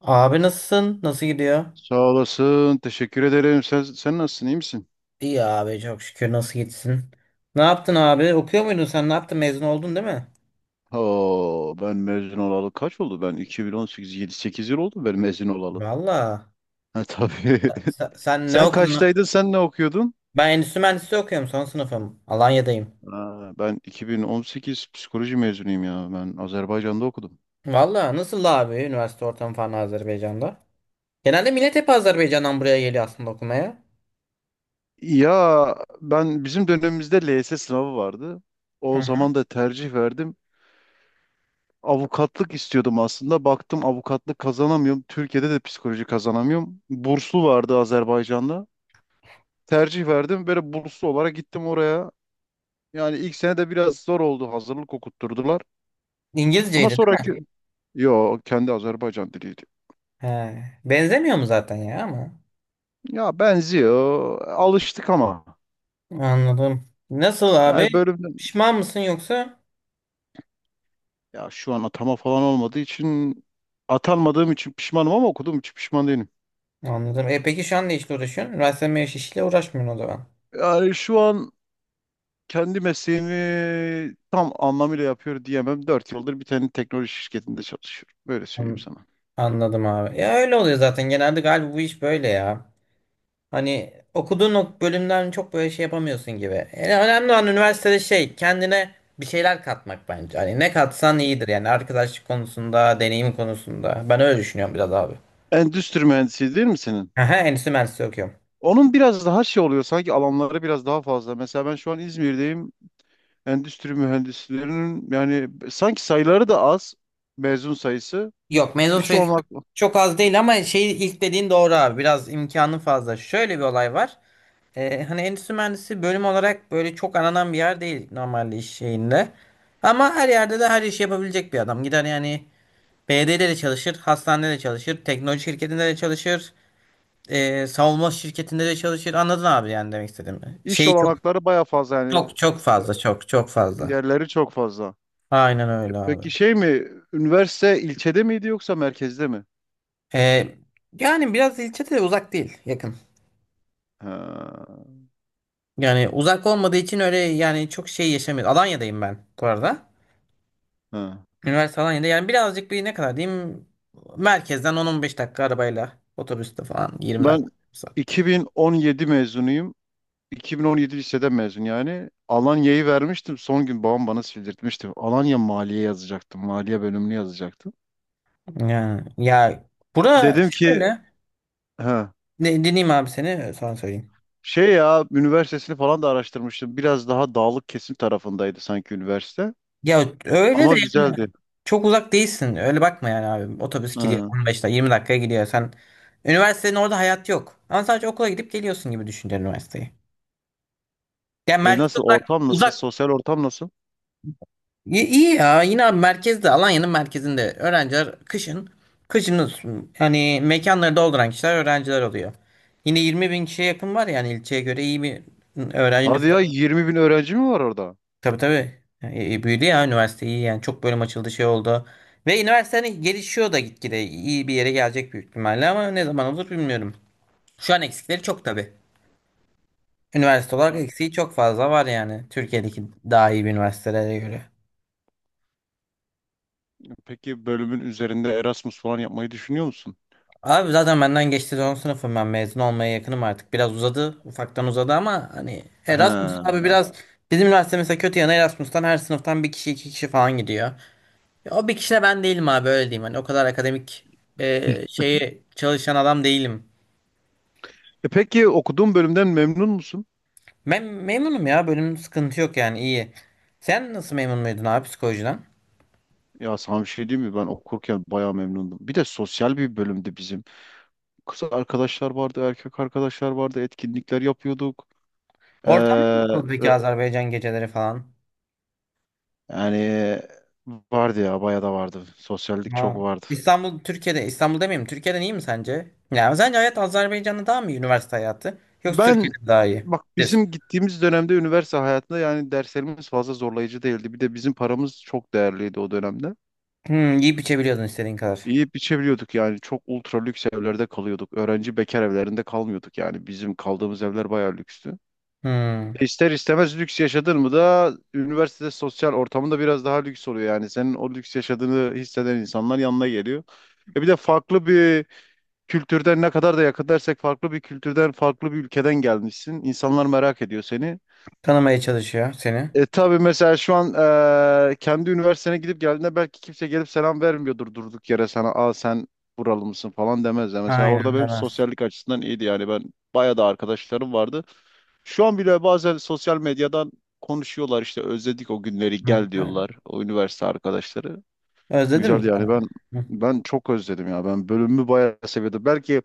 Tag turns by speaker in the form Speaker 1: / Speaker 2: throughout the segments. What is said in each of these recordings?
Speaker 1: Abi nasılsın? Nasıl gidiyor?
Speaker 2: Sağ olasın. Teşekkür ederim. Sen nasılsın? İyi misin?
Speaker 1: İyi abi çok şükür nasıl gitsin? Ne yaptın abi? Okuyor muydun sen? Ne yaptın? Mezun oldun değil mi?
Speaker 2: Oo, ben mezun olalı kaç oldu? Ben 2018, 7-8 yıl oldu ben mezun olalı.
Speaker 1: Valla.
Speaker 2: Ha, tabii.
Speaker 1: Sen ne
Speaker 2: Sen
Speaker 1: okudun?
Speaker 2: kaçtaydın? Sen ne okuyordun?
Speaker 1: Ben endüstri mühendisliği okuyorum. Son sınıfım. Alanya'dayım.
Speaker 2: Ha, ben 2018 psikoloji mezunuyum ya. Ben Azerbaycan'da okudum.
Speaker 1: Valla nasıl abi üniversite ortamı falan Azerbaycan'da? Genelde millet hep Azerbaycan'dan buraya geliyor aslında okumaya.
Speaker 2: Ya, ben bizim dönemimizde LYS sınavı vardı.
Speaker 1: Hı
Speaker 2: O
Speaker 1: hı.
Speaker 2: zaman da tercih verdim. Avukatlık istiyordum aslında. Baktım avukatlık kazanamıyorum. Türkiye'de de psikoloji kazanamıyorum. Burslu vardı Azerbaycan'da. Tercih verdim. Böyle burslu olarak gittim oraya. Yani ilk sene de biraz zor oldu. Hazırlık okutturdular.
Speaker 1: İngilizceydi
Speaker 2: Ama
Speaker 1: değil mi?
Speaker 2: sonraki... Yo, kendi Azerbaycan diliydi.
Speaker 1: He. Benzemiyor mu zaten ya ama?
Speaker 2: Ya benziyor. Alıştık ama.
Speaker 1: Anladım. Nasıl abi?
Speaker 2: Yani bölümden...
Speaker 1: Pişman mısın yoksa?
Speaker 2: Ya şu an atama falan olmadığı için... Atanmadığım için pişmanım ama okuduğum için pişman değilim.
Speaker 1: Anladım. E peki şu an ne işle uğraşıyorsun? Üniversite mezunu işle uğraşmıyorsun o zaman.
Speaker 2: Yani şu an kendi mesleğimi tam anlamıyla yapıyor diyemem. 4 yıldır bir tane teknoloji şirketinde çalışıyorum. Böyle söyleyeyim
Speaker 1: An-
Speaker 2: sana.
Speaker 1: Anladım abi. Ya öyle oluyor zaten. Genelde galiba bu iş böyle ya. Hani okuduğun o bölümden çok böyle şey yapamıyorsun gibi. Yani önemli olan üniversitede şey kendine bir şeyler katmak bence. Hani ne katsan iyidir yani arkadaşlık konusunda, deneyim konusunda. Ben öyle düşünüyorum biraz abi.
Speaker 2: Endüstri mühendisi değil mi senin?
Speaker 1: Aha, endüstri mühendisliği okuyorum.
Speaker 2: Onun biraz daha şey oluyor sanki, alanları biraz daha fazla. Mesela ben şu an İzmir'deyim. Endüstri mühendislerinin yani sanki sayıları da az, mezun sayısı.
Speaker 1: Yok mezun
Speaker 2: İş
Speaker 1: sayısı
Speaker 2: olanak
Speaker 1: çok az değil ama şey ilk dediğin doğru abi. Biraz imkanı fazla. Şöyle bir olay var. Hani endüstri mühendisi bölüm olarak böyle çok aranan bir yer değil normalde iş şeyinde. Ama her yerde de her işi yapabilecek bir adam. Gider yani BD'de de çalışır, hastanede de çalışır, teknoloji şirketinde de çalışır, savunma şirketinde de çalışır. Anladın abi yani demek istediğimi.
Speaker 2: iş
Speaker 1: Şeyi çok
Speaker 2: olanakları baya fazla yani,
Speaker 1: çok çok fazla, çok çok fazla.
Speaker 2: yerleri çok fazla.
Speaker 1: Aynen öyle abi.
Speaker 2: Peki şey mi, üniversite ilçede miydi yoksa merkezde mi?
Speaker 1: Ee, yani biraz ilçe de uzak değil, yakın.
Speaker 2: Ha,
Speaker 1: Yani uzak olmadığı için öyle yani çok şey yaşamıyorum. Alanya'dayım ben bu arada.
Speaker 2: ha.
Speaker 1: Üniversite Alanya'da. Yani birazcık bir ne kadar diyeyim merkezden 10-15 dakika arabayla otobüste falan 20
Speaker 2: Ben
Speaker 1: dakika.
Speaker 2: 2017 mezunuyum. 2017 lisede mezun yani. Alanya'yı vermiştim. Son gün babam bana sildirtmişti. Alanya Maliye yazacaktım. Maliye bölümünü yazacaktım.
Speaker 1: Yani ya bura
Speaker 2: Dedim ki
Speaker 1: şöyle
Speaker 2: ha
Speaker 1: ne, dinleyeyim abi seni sonra söyleyeyim.
Speaker 2: şey ya, üniversitesini falan da araştırmıştım. Biraz daha dağlık kesim tarafındaydı sanki üniversite.
Speaker 1: Ya öyle de
Speaker 2: Ama
Speaker 1: yani
Speaker 2: güzeldi.
Speaker 1: çok uzak değilsin. Öyle bakma yani abi. Otobüs gidiyor
Speaker 2: Ha.
Speaker 1: 15 dakika 20 dakikaya gidiyor. Sen üniversitenin orada hayat yok. Ama sadece okula gidip geliyorsun gibi düşünce üniversiteyi. Yani
Speaker 2: E
Speaker 1: merkez
Speaker 2: nasıl
Speaker 1: uzak,
Speaker 2: ortam nasıl?
Speaker 1: uzak.
Speaker 2: Sosyal ortam nasıl?
Speaker 1: İyi, iyi ya yine abi merkezde Alanya'nın merkezinde öğrenciler kışın hani mekanları dolduran kişiler öğrenciler oluyor. Yine 20 bin kişiye yakın var yani ilçeye göre iyi bir öğrenci
Speaker 2: Hadi
Speaker 1: nüfusu.
Speaker 2: ya, 20 bin öğrenci mi var orada?
Speaker 1: Tabii tabii. E, büyüdü ya üniversite iyi yani çok bölüm açıldı şey oldu. Ve üniversite hani gelişiyor da gitgide iyi bir yere gelecek büyük ihtimalle ama ne zaman olur bilmiyorum. Şu an eksikleri çok tabii. Üniversite olarak
Speaker 2: Ya,
Speaker 1: eksiği çok fazla var yani Türkiye'deki daha iyi bir üniversitelere göre.
Speaker 2: peki bölümün üzerinde Erasmus falan yapmayı düşünüyor musun?
Speaker 1: Abi zaten benden geçti son sınıfım ben mezun olmaya yakınım artık. Biraz uzadı. Ufaktan uzadı ama hani Erasmus abi
Speaker 2: He.
Speaker 1: biraz bizim üniversite mesela kötü yanı Erasmus'tan her sınıftan bir kişi iki kişi falan gidiyor. Ya o bir kişi de ben değilim abi öyle diyeyim. Hani o kadar akademik şeyi çalışan adam değilim.
Speaker 2: E peki okuduğun bölümden memnun musun?
Speaker 1: Ben memnunum ya bölüm sıkıntı yok yani iyi. Sen nasıl memnun muydun abi psikolojiden?
Speaker 2: Ya sana bir şey diyeyim mi? Ben okurken bayağı memnundum. Bir de sosyal bir bölümdü bizim. Kız arkadaşlar vardı, erkek arkadaşlar vardı. Etkinlikler yapıyorduk. Ee,
Speaker 1: Ortam nasıl peki
Speaker 2: e,
Speaker 1: Azerbaycan geceleri falan?
Speaker 2: yani vardı ya, bayağı da vardı. Sosyallik çok
Speaker 1: Ha.
Speaker 2: vardı.
Speaker 1: İstanbul Türkiye'de İstanbul demeyeyim Türkiye'den iyi mi sence? Yani sence hayat Azerbaycan'da daha mı iyi üniversite hayatı? Yoksa
Speaker 2: Ben
Speaker 1: Türkiye'de mi daha iyi?
Speaker 2: bak,
Speaker 1: Bir.
Speaker 2: bizim gittiğimiz dönemde üniversite hayatında yani derslerimiz fazla zorlayıcı değildi. Bir de bizim paramız çok değerliydi o dönemde.
Speaker 1: Hmm, yiyip içebiliyordun istediğin kadar.
Speaker 2: İyi biçebiliyorduk yani. Çok ultra lüks evlerde kalıyorduk. Öğrenci bekar evlerinde kalmıyorduk yani. Bizim kaldığımız evler bayağı lükstü.
Speaker 1: Hmm,
Speaker 2: İster istemez lüks yaşadın mı da üniversitede sosyal ortamında biraz daha lüks oluyor yani. Senin o lüks yaşadığını hisseden insanlar yanına geliyor. E bir de farklı bir kültürden, ne kadar da yakın dersek, farklı bir kültürden, farklı bir ülkeden gelmişsin. İnsanlar merak ediyor seni.
Speaker 1: tanımaya çalışıyor seni.
Speaker 2: E tabii mesela şu an kendi üniversitene gidip geldiğinde belki kimse gelip selam vermiyordur durduk yere sana. Aa, sen buralı mısın falan demezler. Mesela orada
Speaker 1: Aynen
Speaker 2: benim
Speaker 1: demez.
Speaker 2: sosyallik açısından iyiydi yani, ben bayağı da arkadaşlarım vardı. Şu an bile bazen sosyal medyadan konuşuyorlar işte, özledik o günleri
Speaker 1: Hı.
Speaker 2: gel diyorlar o üniversite arkadaşları.
Speaker 1: Özledin mi
Speaker 2: Güzel yani,
Speaker 1: sen?
Speaker 2: ben
Speaker 1: Hı.
Speaker 2: ben çok özledim ya, ben bölümümü bayağı seviyordum. Belki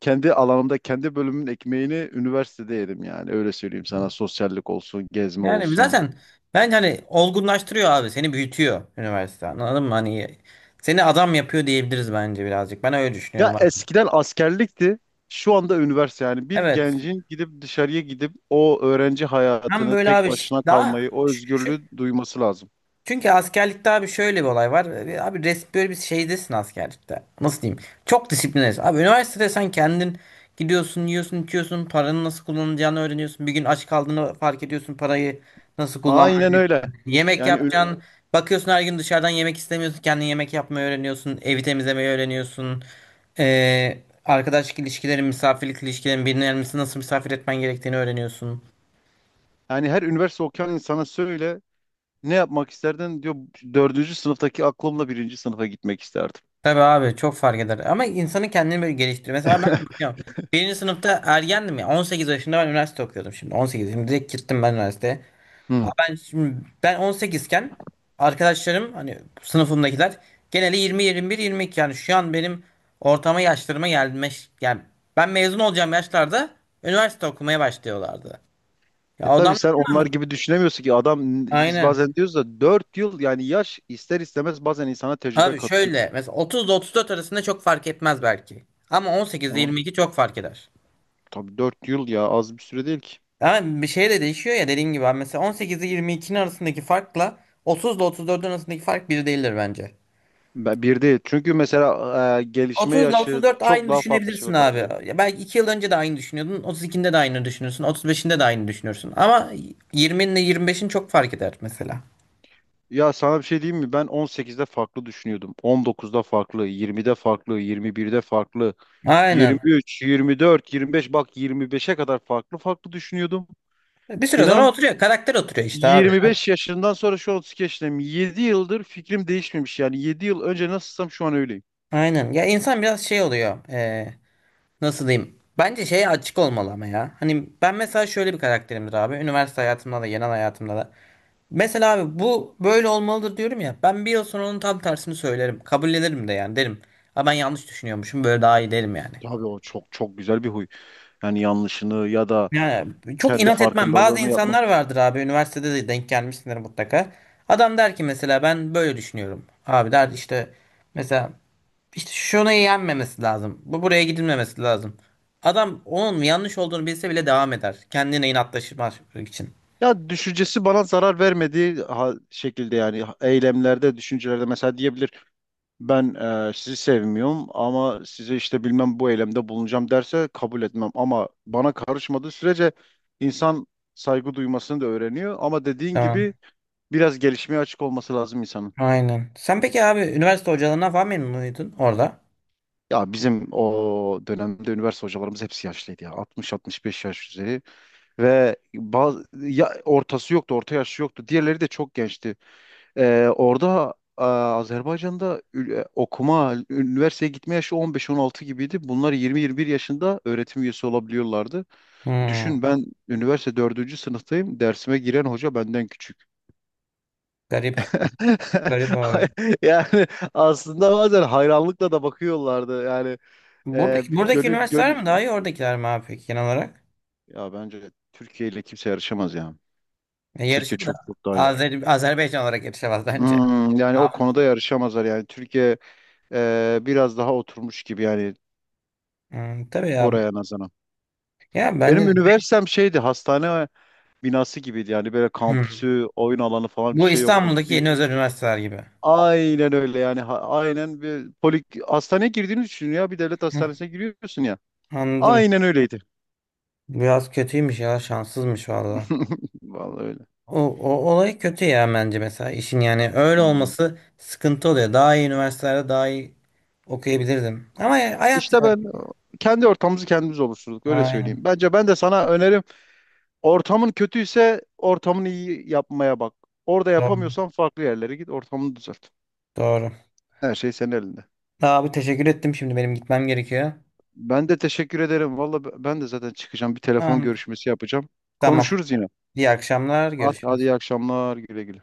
Speaker 2: kendi alanımda kendi bölümün ekmeğini üniversitede yedim yani, öyle söyleyeyim sana, sosyallik olsun, gezme
Speaker 1: Yani
Speaker 2: olsun.
Speaker 1: zaten bence hani olgunlaştırıyor abi seni büyütüyor üniversite anladın mı? Hani seni adam yapıyor diyebiliriz bence birazcık. Ben öyle düşünüyorum
Speaker 2: Ya
Speaker 1: abi.
Speaker 2: eskiden askerlikti. Şu anda üniversite yani, bir
Speaker 1: Evet.
Speaker 2: gencin gidip dışarıya gidip o öğrenci
Speaker 1: Hem
Speaker 2: hayatını
Speaker 1: böyle
Speaker 2: tek
Speaker 1: abi
Speaker 2: başına
Speaker 1: daha
Speaker 2: kalmayı, o
Speaker 1: şu.
Speaker 2: özgürlüğü duyması lazım.
Speaker 1: Çünkü askerlikte abi şöyle bir olay var. E, abi böyle bir şeydesin askerlikte. Nasıl diyeyim? Çok disiplinlisin. Abi üniversitede sen kendin gidiyorsun, yiyorsun, içiyorsun, paranın nasıl kullanılacağını öğreniyorsun. Bir gün aç kaldığını fark ediyorsun, parayı nasıl
Speaker 2: Aynen
Speaker 1: kullanmayı.
Speaker 2: öyle.
Speaker 1: Yemek
Speaker 2: Yani ünü-
Speaker 1: yapacaksın. Bakıyorsun her gün dışarıdan yemek istemiyorsun. Kendin yemek yapmayı öğreniyorsun. Evi temizlemeyi öğreniyorsun. E, arkadaş ilişkilerin, misafirlik ilişkilerin, birini nasıl misafir etmen gerektiğini öğreniyorsun.
Speaker 2: Yani her üniversite okuyan insana söyle, ne yapmak isterdin diyor. Dördüncü sınıftaki aklımla birinci sınıfa gitmek isterdim.
Speaker 1: Tabii abi çok fark eder. Ama insanın kendini böyle geliştirir. Mesela ben de bakıyorum. Birinci sınıfta ergendim ya. 18 yaşında ben üniversite okuyordum şimdi. 18. Şimdi direkt gittim ben üniversiteye.
Speaker 2: Hı.
Speaker 1: Ama ben şimdi ben 18 iken arkadaşlarım hani sınıfımdakiler geneli 20, 21, 22 yani şu an benim ortama yaşlarıma gelmiş. Yani ben mezun olacağım yaşlarda üniversite okumaya başlıyorlardı. Ya
Speaker 2: E tabii
Speaker 1: adamlar
Speaker 2: sen onlar gibi düşünemiyorsun ki adam, biz
Speaker 1: aynen.
Speaker 2: bazen diyoruz da 4 yıl yani yaş ister istemez bazen insana tecrübe
Speaker 1: Abi
Speaker 2: katıyor.
Speaker 1: şöyle mesela 30 ile 34 arasında çok fark etmez belki. Ama 18 ile
Speaker 2: Tamam.
Speaker 1: 22 çok fark eder.
Speaker 2: Tabii 4 yıl ya, az bir süre değil ki.
Speaker 1: Ama bir şey de değişiyor ya dediğin gibi. Abi. Mesela 18 ile 22'nin arasındaki farkla 30 ile 34'ün arasındaki fark bir değildir bence.
Speaker 2: Bir değil. Çünkü mesela gelişme
Speaker 1: 30 ile
Speaker 2: yaşı
Speaker 1: 34
Speaker 2: çok
Speaker 1: aynı
Speaker 2: daha farklı
Speaker 1: düşünebilirsin
Speaker 2: şeyler katılıyor.
Speaker 1: abi. Ya belki 2 yıl önce de aynı düşünüyordun. 32'nde de aynı düşünürsün. 35'inde de aynı düşünürsün. Ama 20'nin ile 25'in çok fark eder mesela.
Speaker 2: Ya sana bir şey diyeyim mi? Ben 18'de farklı düşünüyordum. 19'da farklı, 20'de farklı, 21'de farklı,
Speaker 1: Aynen.
Speaker 2: 23, 24, 25, bak 25'e kadar farklı farklı düşünüyordum.
Speaker 1: Bir süre sonra
Speaker 2: İnan,
Speaker 1: oturuyor. Karakter oturuyor işte abi.
Speaker 2: 25 yaşından sonra, şu 32 yaşındayım, 7 yıldır fikrim değişmemiş. Yani 7 yıl önce nasılsam şu an öyleyim.
Speaker 1: Aynen. Ya insan biraz şey oluyor. Nasıl diyeyim? Bence şeye açık olmalı ama ya. Hani ben mesela şöyle bir karakterimdir abi. Üniversite hayatımda da, genel hayatımda da. Mesela abi bu böyle olmalıdır diyorum ya. Ben bir yıl sonra onun tam tersini söylerim. Kabul ederim de yani derim. Ha ben yanlış düşünüyormuşum böyle daha iyi derim yani.
Speaker 2: Abi o çok çok güzel bir huy. Yani yanlışını ya da
Speaker 1: Yani çok
Speaker 2: kendi
Speaker 1: inat etmem. Bazı
Speaker 2: farkındalığını yapmak.
Speaker 1: insanlar vardır abi üniversitede de denk gelmişsindir mutlaka. Adam der ki mesela ben böyle düşünüyorum. Abi der işte mesela işte şunu yenmemesi lazım. Bu buraya gidilmemesi lazım. Adam onun yanlış olduğunu bilse bile devam eder. Kendine inatlaşmak için.
Speaker 2: Ya, düşüncesi bana zarar vermediği şekilde yani, eylemlerde, düşüncelerde, mesela diyebilir ben sizi sevmiyorum ama size işte bilmem bu eylemde bulunacağım derse kabul etmem, ama bana karışmadığı sürece insan saygı duymasını da öğreniyor, ama dediğin
Speaker 1: Tamam.
Speaker 2: gibi biraz gelişmeye açık olması lazım insanın.
Speaker 1: Aynen. Sen peki abi üniversite hocalarından falan memnun muydun orada?
Speaker 2: Ya bizim o dönemde üniversite hocalarımız hepsi yaşlıydı ya, 60-65 yaş üzeri, ve bazı, ya ortası yoktu, orta yaşı yoktu. Diğerleri de çok gençti. Orada Azerbaycan'da okuma, üniversiteye gitme yaşı 15-16 gibiydi. Bunlar 20-21 yaşında öğretim üyesi olabiliyorlardı. Düşün,
Speaker 1: Hmm.
Speaker 2: ben üniversite dördüncü sınıftayım. Dersime giren hoca benden küçük.
Speaker 1: Garip. Garip abi.
Speaker 2: Yani aslında bazen hayranlıkla da bakıyorlardı. Yani
Speaker 1: Buradaki,
Speaker 2: bir
Speaker 1: buradaki
Speaker 2: gönül,
Speaker 1: üniversiteler mi daha
Speaker 2: gönül...
Speaker 1: iyi oradakiler mi abi peki genel olarak?
Speaker 2: Ya bence Türkiye ile kimse yarışamaz ya.
Speaker 1: E,
Speaker 2: Türkiye
Speaker 1: yarışır da
Speaker 2: çok çok daha iyi.
Speaker 1: Azerbaycan olarak yarışamaz bence.
Speaker 2: Hmm, yani o
Speaker 1: Abi.
Speaker 2: konuda yarışamazlar yani. Türkiye biraz daha oturmuş gibi yani,
Speaker 1: Hmm, tabii ya.
Speaker 2: oraya nazaran.
Speaker 1: Ya bence
Speaker 2: Benim
Speaker 1: de.
Speaker 2: üniversitem şeydi, hastane binası gibiydi yani, böyle
Speaker 1: Hmm.
Speaker 2: kampüsü, oyun alanı falan bir
Speaker 1: Bu
Speaker 2: şey yoktu.
Speaker 1: İstanbul'daki yeni özel üniversiteler gibi.
Speaker 2: Aynen öyle yani, aynen bir polik hastaneye girdiğini düşün ya, bir devlet
Speaker 1: Hı,
Speaker 2: hastanesine giriyorsun ya.
Speaker 1: anladım.
Speaker 2: Aynen öyleydi.
Speaker 1: Biraz kötüymüş ya şanssızmış valla.
Speaker 2: Vallahi öyle.
Speaker 1: O olay kötü ya bence mesela işin yani öyle
Speaker 2: Hmm.
Speaker 1: olması sıkıntı oluyor. Daha iyi üniversitelerde daha iyi okuyabilirdim. Ama hayat ya.
Speaker 2: İşte ben kendi ortamımızı kendimiz oluşturduk, öyle
Speaker 1: Aynen.
Speaker 2: söyleyeyim. Bence, ben de sana önerim, ortamın kötüyse ortamını iyi yapmaya bak. Orada
Speaker 1: Doğru.
Speaker 2: yapamıyorsan farklı yerlere git, ortamını düzelt.
Speaker 1: Doğru.
Speaker 2: Her şey senin elinde.
Speaker 1: Daha abi teşekkür ettim. Şimdi benim gitmem gerekiyor.
Speaker 2: Ben de teşekkür ederim. Valla ben de zaten çıkacağım. Bir telefon
Speaker 1: Tamam.
Speaker 2: görüşmesi yapacağım.
Speaker 1: Tamam.
Speaker 2: Konuşuruz yine.
Speaker 1: İyi akşamlar.
Speaker 2: Hadi, hadi
Speaker 1: Görüşürüz.
Speaker 2: iyi akşamlar. Güle güle.